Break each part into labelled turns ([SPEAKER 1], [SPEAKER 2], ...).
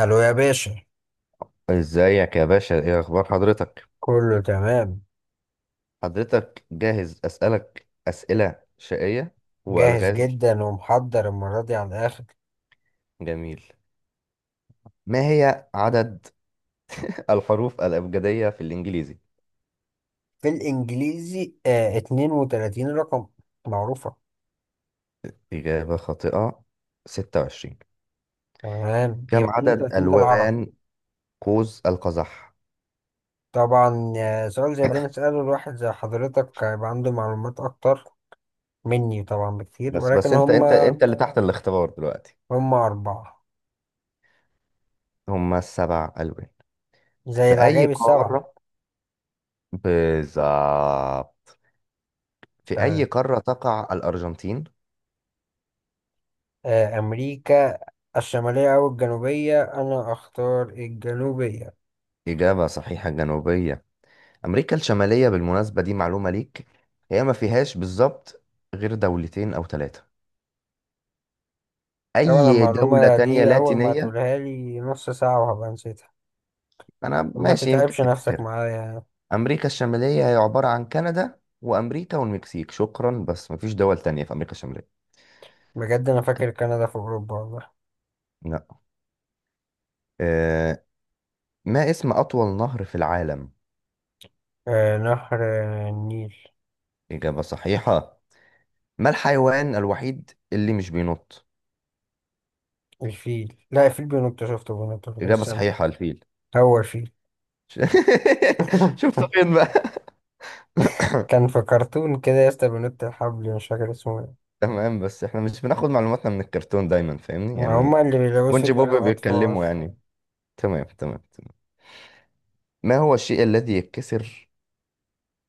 [SPEAKER 1] الو يا باشا.
[SPEAKER 2] ازيك يا باشا، ايه اخبار حضرتك؟
[SPEAKER 1] كله تمام.
[SPEAKER 2] حضرتك جاهز اسالك اسئله شقيه
[SPEAKER 1] جاهز
[SPEAKER 2] والغاز؟
[SPEAKER 1] جدا ومحضر المرة دي على الآخر.
[SPEAKER 2] جميل. ما هي عدد الحروف الابجديه في الانجليزي؟
[SPEAKER 1] في الإنجليزي 32 رقم معروفة.
[SPEAKER 2] اجابه خاطئه. 26.
[SPEAKER 1] تمام،
[SPEAKER 2] كم
[SPEAKER 1] يبقى
[SPEAKER 2] عدد
[SPEAKER 1] 32 ده العربي.
[SPEAKER 2] الوان قوس القزح؟
[SPEAKER 1] طبعا، سؤال زي ده نسأله لواحد زي حضرتك هيبقى عنده معلومات أكتر مني طبعا بكتير،
[SPEAKER 2] بس بس
[SPEAKER 1] ولكن
[SPEAKER 2] انت
[SPEAKER 1] هم
[SPEAKER 2] انت انت اللي تحت الاختبار دلوقتي.
[SPEAKER 1] هم أربعة،
[SPEAKER 2] هما السبع الوان.
[SPEAKER 1] زي
[SPEAKER 2] في اي
[SPEAKER 1] العجائب السبعة.
[SPEAKER 2] قاره، بالظبط؟ في اي
[SPEAKER 1] تمام.
[SPEAKER 2] قاره تقع الارجنتين؟
[SPEAKER 1] آه، أمريكا الشمالية أو الجنوبية، أنا أختار الجنوبية.
[SPEAKER 2] اجابه صحيحه، جنوبيه. أمريكا الشمالية، بالمناسبة دي معلومة ليك، هي ما فيهاش بالظبط غير دولتين أو ثلاثة.
[SPEAKER 1] طبعا
[SPEAKER 2] أي دولة
[SPEAKER 1] المعلومة
[SPEAKER 2] تانية
[SPEAKER 1] دي أول ما
[SPEAKER 2] لاتينية.
[SPEAKER 1] تقولها لي نص ساعة وهبقى نسيتها.
[SPEAKER 2] أنا
[SPEAKER 1] ما
[SPEAKER 2] ماشي يمكن
[SPEAKER 1] تتعبش نفسك
[SPEAKER 2] تفتكرها.
[SPEAKER 1] معايا يعني.
[SPEAKER 2] أمريكا الشمالية هي عبارة عن كندا وأمريكا والمكسيك، شكرا. بس ما فيش دول تانية في أمريكا الشمالية.
[SPEAKER 1] بجد أنا فاكر كندا في أوروبا والله.
[SPEAKER 2] لا. أه. ما اسم أطول نهر في العالم؟
[SPEAKER 1] آه نهر، النيل.
[SPEAKER 2] إجابة صحيحة. ما الحيوان الوحيد اللي مش بينط؟
[SPEAKER 1] الفيل، لا الفيل بينط، شفته بينط في
[SPEAKER 2] إجابة
[SPEAKER 1] السما.
[SPEAKER 2] صحيحة، الفيل.
[SPEAKER 1] هو الفيل.
[SPEAKER 2] شفت فين بقى؟
[SPEAKER 1] كان في كرتون كده يا اسطى بينط الحبل، مش فاكر اسمه ايه.
[SPEAKER 2] تمام، بس احنا مش بناخد معلوماتنا من الكرتون دايما، فاهمني يعني.
[SPEAKER 1] هما اللي بيلبسوا
[SPEAKER 2] بونجي
[SPEAKER 1] دماغ
[SPEAKER 2] بوب
[SPEAKER 1] الأطفال.
[SPEAKER 2] بيتكلموا يعني. تمام تمام تمام. ما هو الشيء الذي يتكسر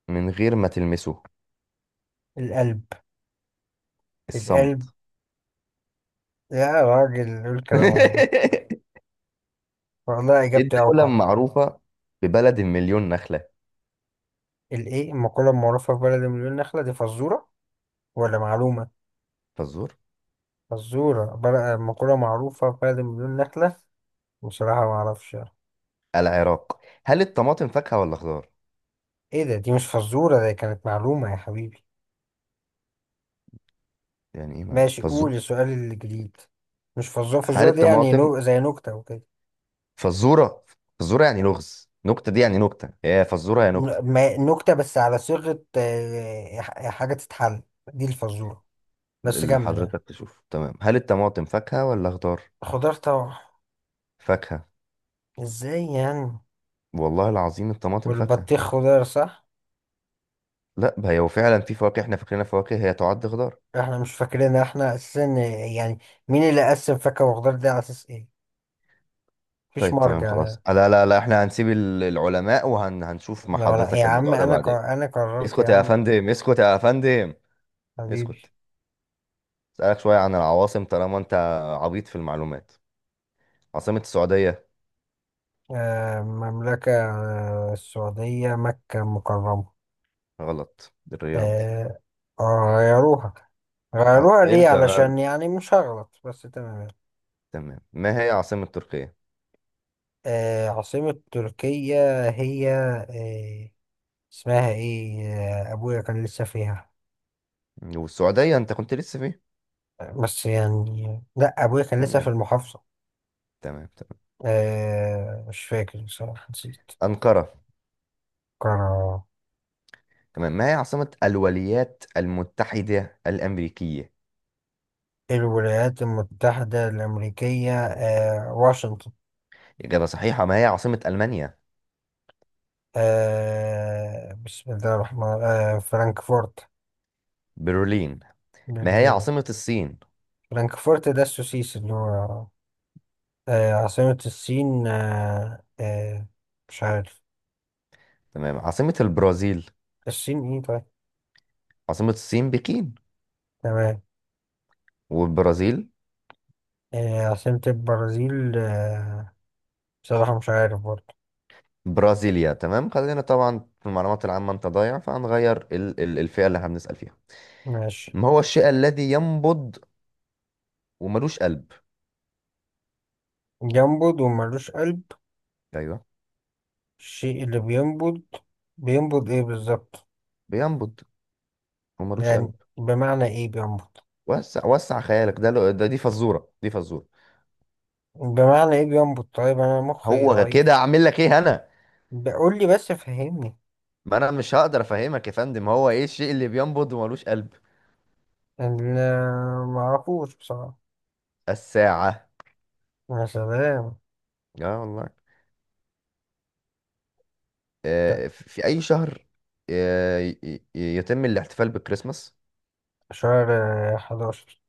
[SPEAKER 2] من غير ما تلمسه؟
[SPEAKER 1] القلب. القلب.
[SPEAKER 2] الصمت.
[SPEAKER 1] يا راجل قول كلام غير ده. والله إجابتي
[SPEAKER 2] الدولة
[SPEAKER 1] أوقع.
[SPEAKER 2] معروفة ببلد المليون نخلة.
[SPEAKER 1] الإيه، المقولة المعروفة في بلد مليون نخلة دي فزورة ولا معلومة؟
[SPEAKER 2] فزور.
[SPEAKER 1] فزورة بقى مقولة معروفة فاقد مليون نخلة. بصراحة ما أعرفش يعني.
[SPEAKER 2] العراق. هل الطماطم فاكهة ولا خضار؟
[SPEAKER 1] إيه ده، دي مش فزورة، دي كانت معلومة يا حبيبي.
[SPEAKER 2] يعني ايه معنى
[SPEAKER 1] ماشي
[SPEAKER 2] فزور؟
[SPEAKER 1] قول السؤال الجديد. مش فزورة،
[SPEAKER 2] هل
[SPEAKER 1] فزورة دي يعني
[SPEAKER 2] الطماطم
[SPEAKER 1] زي نكتة وكده.
[SPEAKER 2] فزورة؟ فزورة يعني لغز، نكتة، دي يعني نكتة، هي فزورة يا نكتة؟
[SPEAKER 1] نكتة بس على صيغة حاجة تتحل، دي الفزورة. بس
[SPEAKER 2] اللي
[SPEAKER 1] كمل يعني.
[SPEAKER 2] حضرتك تشوف، تمام. هل الطماطم فاكهة ولا خضار؟
[SPEAKER 1] خضار طبعا.
[SPEAKER 2] فاكهة.
[SPEAKER 1] إزاي يعني؟
[SPEAKER 2] والله العظيم الطماطم فاكهة.
[SPEAKER 1] والبطيخ خضار صح؟
[SPEAKER 2] لا، هي هو فعلا في فواكه احنا فاكرينها فواكه هي تعد خضار.
[SPEAKER 1] احنا مش فاكرين، احنا اساسا يعني مين اللي قسم فاكهة وخضار دي؟ على اساس ايه؟ مفيش
[SPEAKER 2] طيب تمام
[SPEAKER 1] مرجع.
[SPEAKER 2] خلاص. لا لا لا، احنا هنسيب العلماء وهنشوف مع
[SPEAKER 1] لو لا يا
[SPEAKER 2] حضرتك
[SPEAKER 1] عم،
[SPEAKER 2] الموضوع ده بعدين.
[SPEAKER 1] انا قررت يا
[SPEAKER 2] اسكت يا
[SPEAKER 1] عم.
[SPEAKER 2] فندم، اسكت يا فندم.
[SPEAKER 1] حبيبي.
[SPEAKER 2] اسكت. اسألك شوية عن العواصم طالما انت عبيط في المعلومات. عاصمة السعودية؟
[SPEAKER 1] مملكة السعودية مكة المكرمة.
[SPEAKER 2] غلط، الرياض.
[SPEAKER 1] آه، غيروها. غيروها ليه؟
[SPEAKER 2] امتى
[SPEAKER 1] علشان
[SPEAKER 2] بقى؟
[SPEAKER 1] يعني مش هغلط بس، تمام يعني.
[SPEAKER 2] تمام. ما هي عاصمة تركيا؟
[SPEAKER 1] عاصمة تركيا هي اسمها ايه؟ ابويا كان لسه فيها.
[SPEAKER 2] والسعودية انت كنت لسه فيه.
[SPEAKER 1] بس يعني لا، ابويا كان لسه في
[SPEAKER 2] تمام
[SPEAKER 1] المحافظة.
[SPEAKER 2] تمام تمام.
[SPEAKER 1] مش فاكر بصراحة، نسيت.
[SPEAKER 2] أنقرة.
[SPEAKER 1] قرار.
[SPEAKER 2] تمام. ما هي عاصمة الولايات المتحدة الأمريكية؟
[SPEAKER 1] الولايات المتحدة الأمريكية، واشنطن.
[SPEAKER 2] إجابة صحيحة. ما هي عاصمة ألمانيا؟
[SPEAKER 1] بسم الله الرحمن، فرانكفورت.
[SPEAKER 2] برلين. ما هي
[SPEAKER 1] برلين.
[SPEAKER 2] عاصمة الصين؟
[SPEAKER 1] فرانكفورت ده السوسيس اللي هو. عاصمة الصين، مش عارف.
[SPEAKER 2] تمام. عاصمة البرازيل؟
[SPEAKER 1] الصين ايه طيب.
[SPEAKER 2] عاصمة الصين بكين.
[SPEAKER 1] تمام.
[SPEAKER 2] والبرازيل؟
[SPEAKER 1] عاصمة البرازيل، بصراحة مش عارف برضه.
[SPEAKER 2] برازيليا. تمام. خلينا طبعا في المعلومات العامة، أنت ضايع، فهنغير ال الفئة اللي احنا بنسأل فيها.
[SPEAKER 1] ماشي.
[SPEAKER 2] ما هو الشيء الذي ينبض وملوش قلب؟
[SPEAKER 1] ينبض وملوش قلب؟
[SPEAKER 2] أيوه،
[SPEAKER 1] الشيء اللي بينبض، بينبض ايه بالظبط؟
[SPEAKER 2] بينبض وملوش
[SPEAKER 1] يعني
[SPEAKER 2] قلب.
[SPEAKER 1] بمعنى ايه بينبض؟
[SPEAKER 2] وسع وسع خيالك، ده دي فزورة، دي فزورة.
[SPEAKER 1] بمعنى ايه جامبو؟ طيب انا مخي
[SPEAKER 2] هو كده،
[SPEAKER 1] ضعيف،
[SPEAKER 2] أعمل لك إيه أنا؟
[SPEAKER 1] بقول لي بس فهمني.
[SPEAKER 2] ما انا مش هقدر افهمك يا فندم. هو ايه الشيء اللي بينبض وملوش قلب؟
[SPEAKER 1] انا ما اعرفوش بصراحه.
[SPEAKER 2] الساعة.
[SPEAKER 1] يا سلام.
[SPEAKER 2] اه والله.
[SPEAKER 1] ده
[SPEAKER 2] في اي شهر آه، ي- ي- يتم الاحتفال بالكريسماس؟
[SPEAKER 1] شهر 11.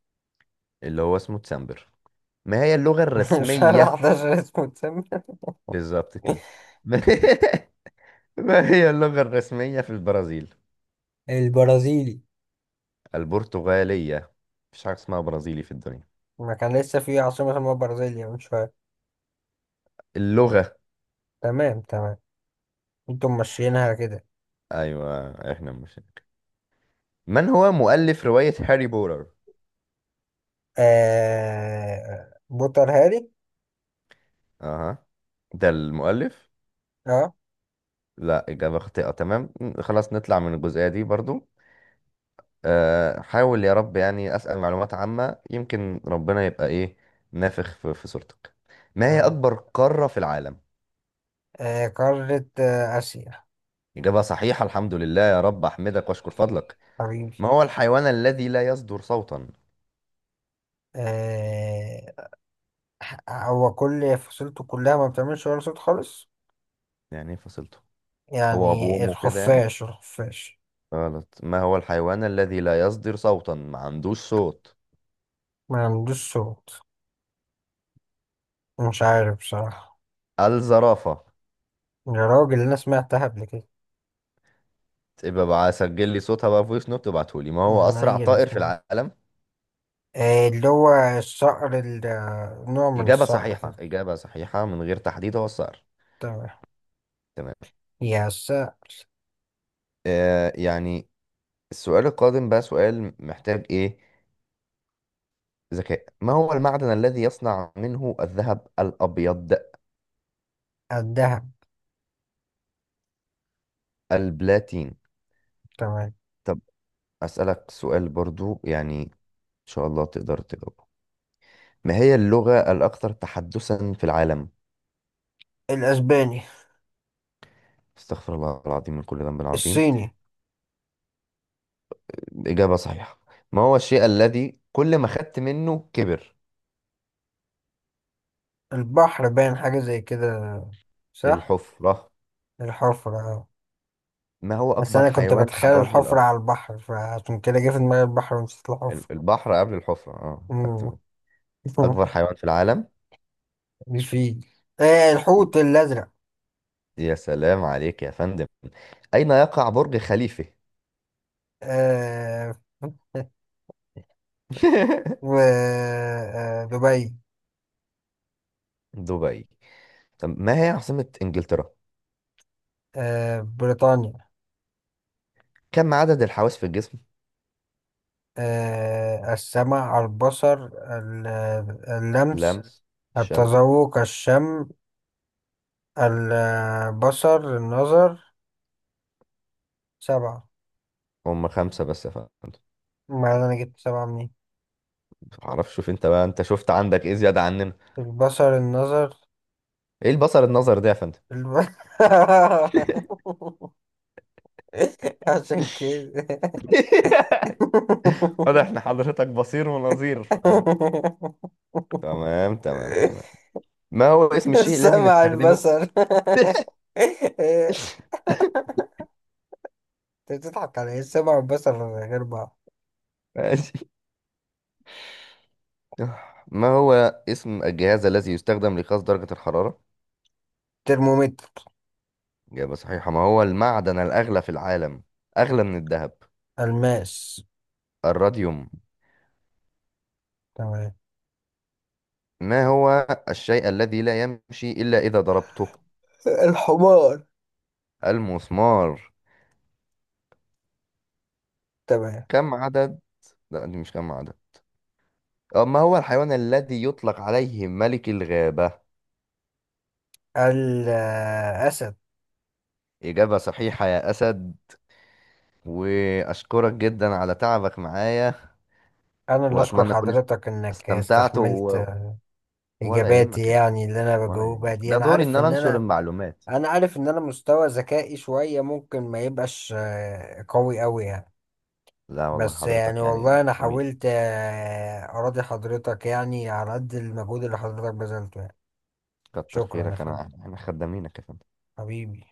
[SPEAKER 2] اللي هو اسمه ديسمبر. ما هي اللغة
[SPEAKER 1] شهر
[SPEAKER 2] الرسمية؟
[SPEAKER 1] 11 اسمه اتسمى.
[SPEAKER 2] بالظبط كده. ما ما هي اللغة الرسمية في البرازيل؟
[SPEAKER 1] البرازيلي.
[SPEAKER 2] البرتغالية. مفيش حاجة اسمها برازيلي في الدنيا.
[SPEAKER 1] ما كان لسه في عاصمه اسمها برازيليا من شويه.
[SPEAKER 2] اللغة.
[SPEAKER 1] تمام تمام. انتم ماشيينها كده.
[SPEAKER 2] ايوه احنا مش. من هو مؤلف رواية هاري بوتر؟
[SPEAKER 1] بوتر هاري.
[SPEAKER 2] اها، ده المؤلف؟
[SPEAKER 1] اه.
[SPEAKER 2] لا، إجابة خاطئة. تمام، خلاص نطلع من الجزئية دي برضو. أه، حاول يا رب يعني أسأل معلومات عامة يمكن ربنا يبقى إيه نافخ في صورتك. ما هي
[SPEAKER 1] تمام.
[SPEAKER 2] أكبر قارة في العالم؟
[SPEAKER 1] قاره، اسيا.
[SPEAKER 2] إجابة صحيحة، الحمد لله يا رب أحمدك وأشكر فضلك.
[SPEAKER 1] حبيبي.
[SPEAKER 2] ما هو الحيوان الذي لا يصدر صوتا؟
[SPEAKER 1] آه... هو كل فصيلته كلها ما بتعملش ولا صوت خالص.
[SPEAKER 2] يعني إيه فصلته؟ هو أبوه
[SPEAKER 1] يعني
[SPEAKER 2] وأمه كده يعني؟
[SPEAKER 1] الخفاش،
[SPEAKER 2] غلط. ما هو الحيوان الذي لا يصدر صوتا، ما عندوش صوت؟
[SPEAKER 1] ما عندوش صوت، مش عارف بصراحة.
[SPEAKER 2] الزرافة.
[SPEAKER 1] يا راجل أنا سمعتها قبل كده.
[SPEAKER 2] يبقى بقى سجل لي صوتها بقى فويس نوت وابعته لي. ما هو
[SPEAKER 1] يعني
[SPEAKER 2] أسرع
[SPEAKER 1] هي
[SPEAKER 2] طائر في
[SPEAKER 1] الاتنين.
[SPEAKER 2] العالم؟
[SPEAKER 1] اللي هو الصقر، نوع من
[SPEAKER 2] إجابة
[SPEAKER 1] الصقر
[SPEAKER 2] صحيحة،
[SPEAKER 1] كده.
[SPEAKER 2] إجابة صحيحة، من غير تحديد هو الصقر.
[SPEAKER 1] تمام.
[SPEAKER 2] تمام.
[SPEAKER 1] يا الصقر.
[SPEAKER 2] آه يعني. السؤال القادم بقى سؤال محتاج إيه، ذكاء. ما هو المعدن الذي يصنع منه الذهب الأبيض؟
[SPEAKER 1] الدهب.
[SPEAKER 2] البلاتين.
[SPEAKER 1] تمام.
[SPEAKER 2] طب أسألك سؤال برضو يعني إن شاء الله تقدر تجاوبه. ما هي اللغة الأكثر تحدثا في العالم؟
[SPEAKER 1] الأسباني.
[SPEAKER 2] استغفر الله العظيم من كل ذنب عظيم.
[SPEAKER 1] الصيني.
[SPEAKER 2] إجابة صحيحة. ما هو الشيء الذي كل ما خدت منه كبر؟
[SPEAKER 1] البحر، باين حاجة زي كده صح.
[SPEAKER 2] الحفرة.
[SPEAKER 1] الحفرة، اه.
[SPEAKER 2] ما هو
[SPEAKER 1] بس
[SPEAKER 2] أكبر
[SPEAKER 1] أنا كنت
[SPEAKER 2] حيوان
[SPEAKER 1] بتخيل
[SPEAKER 2] على وجه
[SPEAKER 1] الحفرة
[SPEAKER 2] الأرض؟
[SPEAKER 1] على البحر، فعشان كده جه في دماغي البحر ونسيت الحفرة.
[SPEAKER 2] البحر قبل الحفرة، اه، خدت
[SPEAKER 1] مم.
[SPEAKER 2] بالي. أكبر حيوان في العالم.
[SPEAKER 1] مش فيه. آه الحوت الأزرق.
[SPEAKER 2] يا سلام عليك يا فندم. أين يقع برج خليفة؟
[SPEAKER 1] آه. و دبي.
[SPEAKER 2] دبي. طب ما هي عاصمة إنجلترا؟
[SPEAKER 1] آه بريطانيا.
[SPEAKER 2] كم عدد الحواس في الجسم؟
[SPEAKER 1] السمع، البصر، اللمس،
[SPEAKER 2] لمس. شم.
[SPEAKER 1] التذوق، الشم، البصر، النظر. سبعة.
[SPEAKER 2] هم خمسة بس يا فندم.
[SPEAKER 1] ما أنا جبت سبعة منين.
[SPEAKER 2] معرفش، شوف انت بقى، انت شفت عندك ايه زيادة عننا.
[SPEAKER 1] البصر، النظر.
[SPEAKER 2] ايه البصر النظر ده يا فندم؟
[SPEAKER 1] الب... عشان كده.
[SPEAKER 2] واضح احنا حضرتك بصير ونظير تمام تمام تمام. ما هو اسم الشيء الذي
[SPEAKER 1] السمع،
[SPEAKER 2] نستخدمه؟
[SPEAKER 1] البصر. انت بتضحك على ايه؟ السمع والبصر غير بعض.
[SPEAKER 2] ماشي. ما هو اسم الجهاز الذي يستخدم لقياس درجة الحرارة؟
[SPEAKER 1] ترمومتر.
[SPEAKER 2] إجابة صحيحة. ما هو المعدن الأغلى في العالم، أغلى من الذهب؟
[SPEAKER 1] الماس.
[SPEAKER 2] الراديوم.
[SPEAKER 1] تمام.
[SPEAKER 2] ما هو الشيء الذي لا يمشي إلا إذا ضربته؟
[SPEAKER 1] الحمار.
[SPEAKER 2] المسمار.
[SPEAKER 1] تمام.
[SPEAKER 2] كم عدد، لا دي مش كم عدد، ما هو الحيوان الذي يطلق عليه ملك الغابة؟
[SPEAKER 1] الأسد.
[SPEAKER 2] إجابة صحيحة يا أسد، وأشكرك جدا على تعبك معايا.
[SPEAKER 1] أنا اللي أشكر
[SPEAKER 2] وأتمنى أكون
[SPEAKER 1] حضرتك إنك
[SPEAKER 2] استمتعت
[SPEAKER 1] استحملت
[SPEAKER 2] ولا
[SPEAKER 1] إجاباتي.
[SPEAKER 2] يهمك،
[SPEAKER 1] يعني اللي أنا
[SPEAKER 2] ولا يعني
[SPEAKER 1] بجاوبها دي،
[SPEAKER 2] ده
[SPEAKER 1] أنا
[SPEAKER 2] دوري ان
[SPEAKER 1] عارف
[SPEAKER 2] انا
[SPEAKER 1] إن
[SPEAKER 2] انشر
[SPEAKER 1] أنا،
[SPEAKER 2] المعلومات.
[SPEAKER 1] أنا عارف إن أنا مستوى ذكائي شوية ممكن ما يبقاش قوي أوي يعني.
[SPEAKER 2] لا والله
[SPEAKER 1] بس يعني
[SPEAKER 2] حضرتك يعني
[SPEAKER 1] والله انا
[SPEAKER 2] جميل.
[SPEAKER 1] حاولت اراضي حضرتك يعني على قد المجهود اللي حضرتك بذلته يعني.
[SPEAKER 2] كتر
[SPEAKER 1] شكرا يا
[SPEAKER 2] خيرك، انا
[SPEAKER 1] فندم.
[SPEAKER 2] احنا خدامينك يا فندم.
[SPEAKER 1] حبيبي.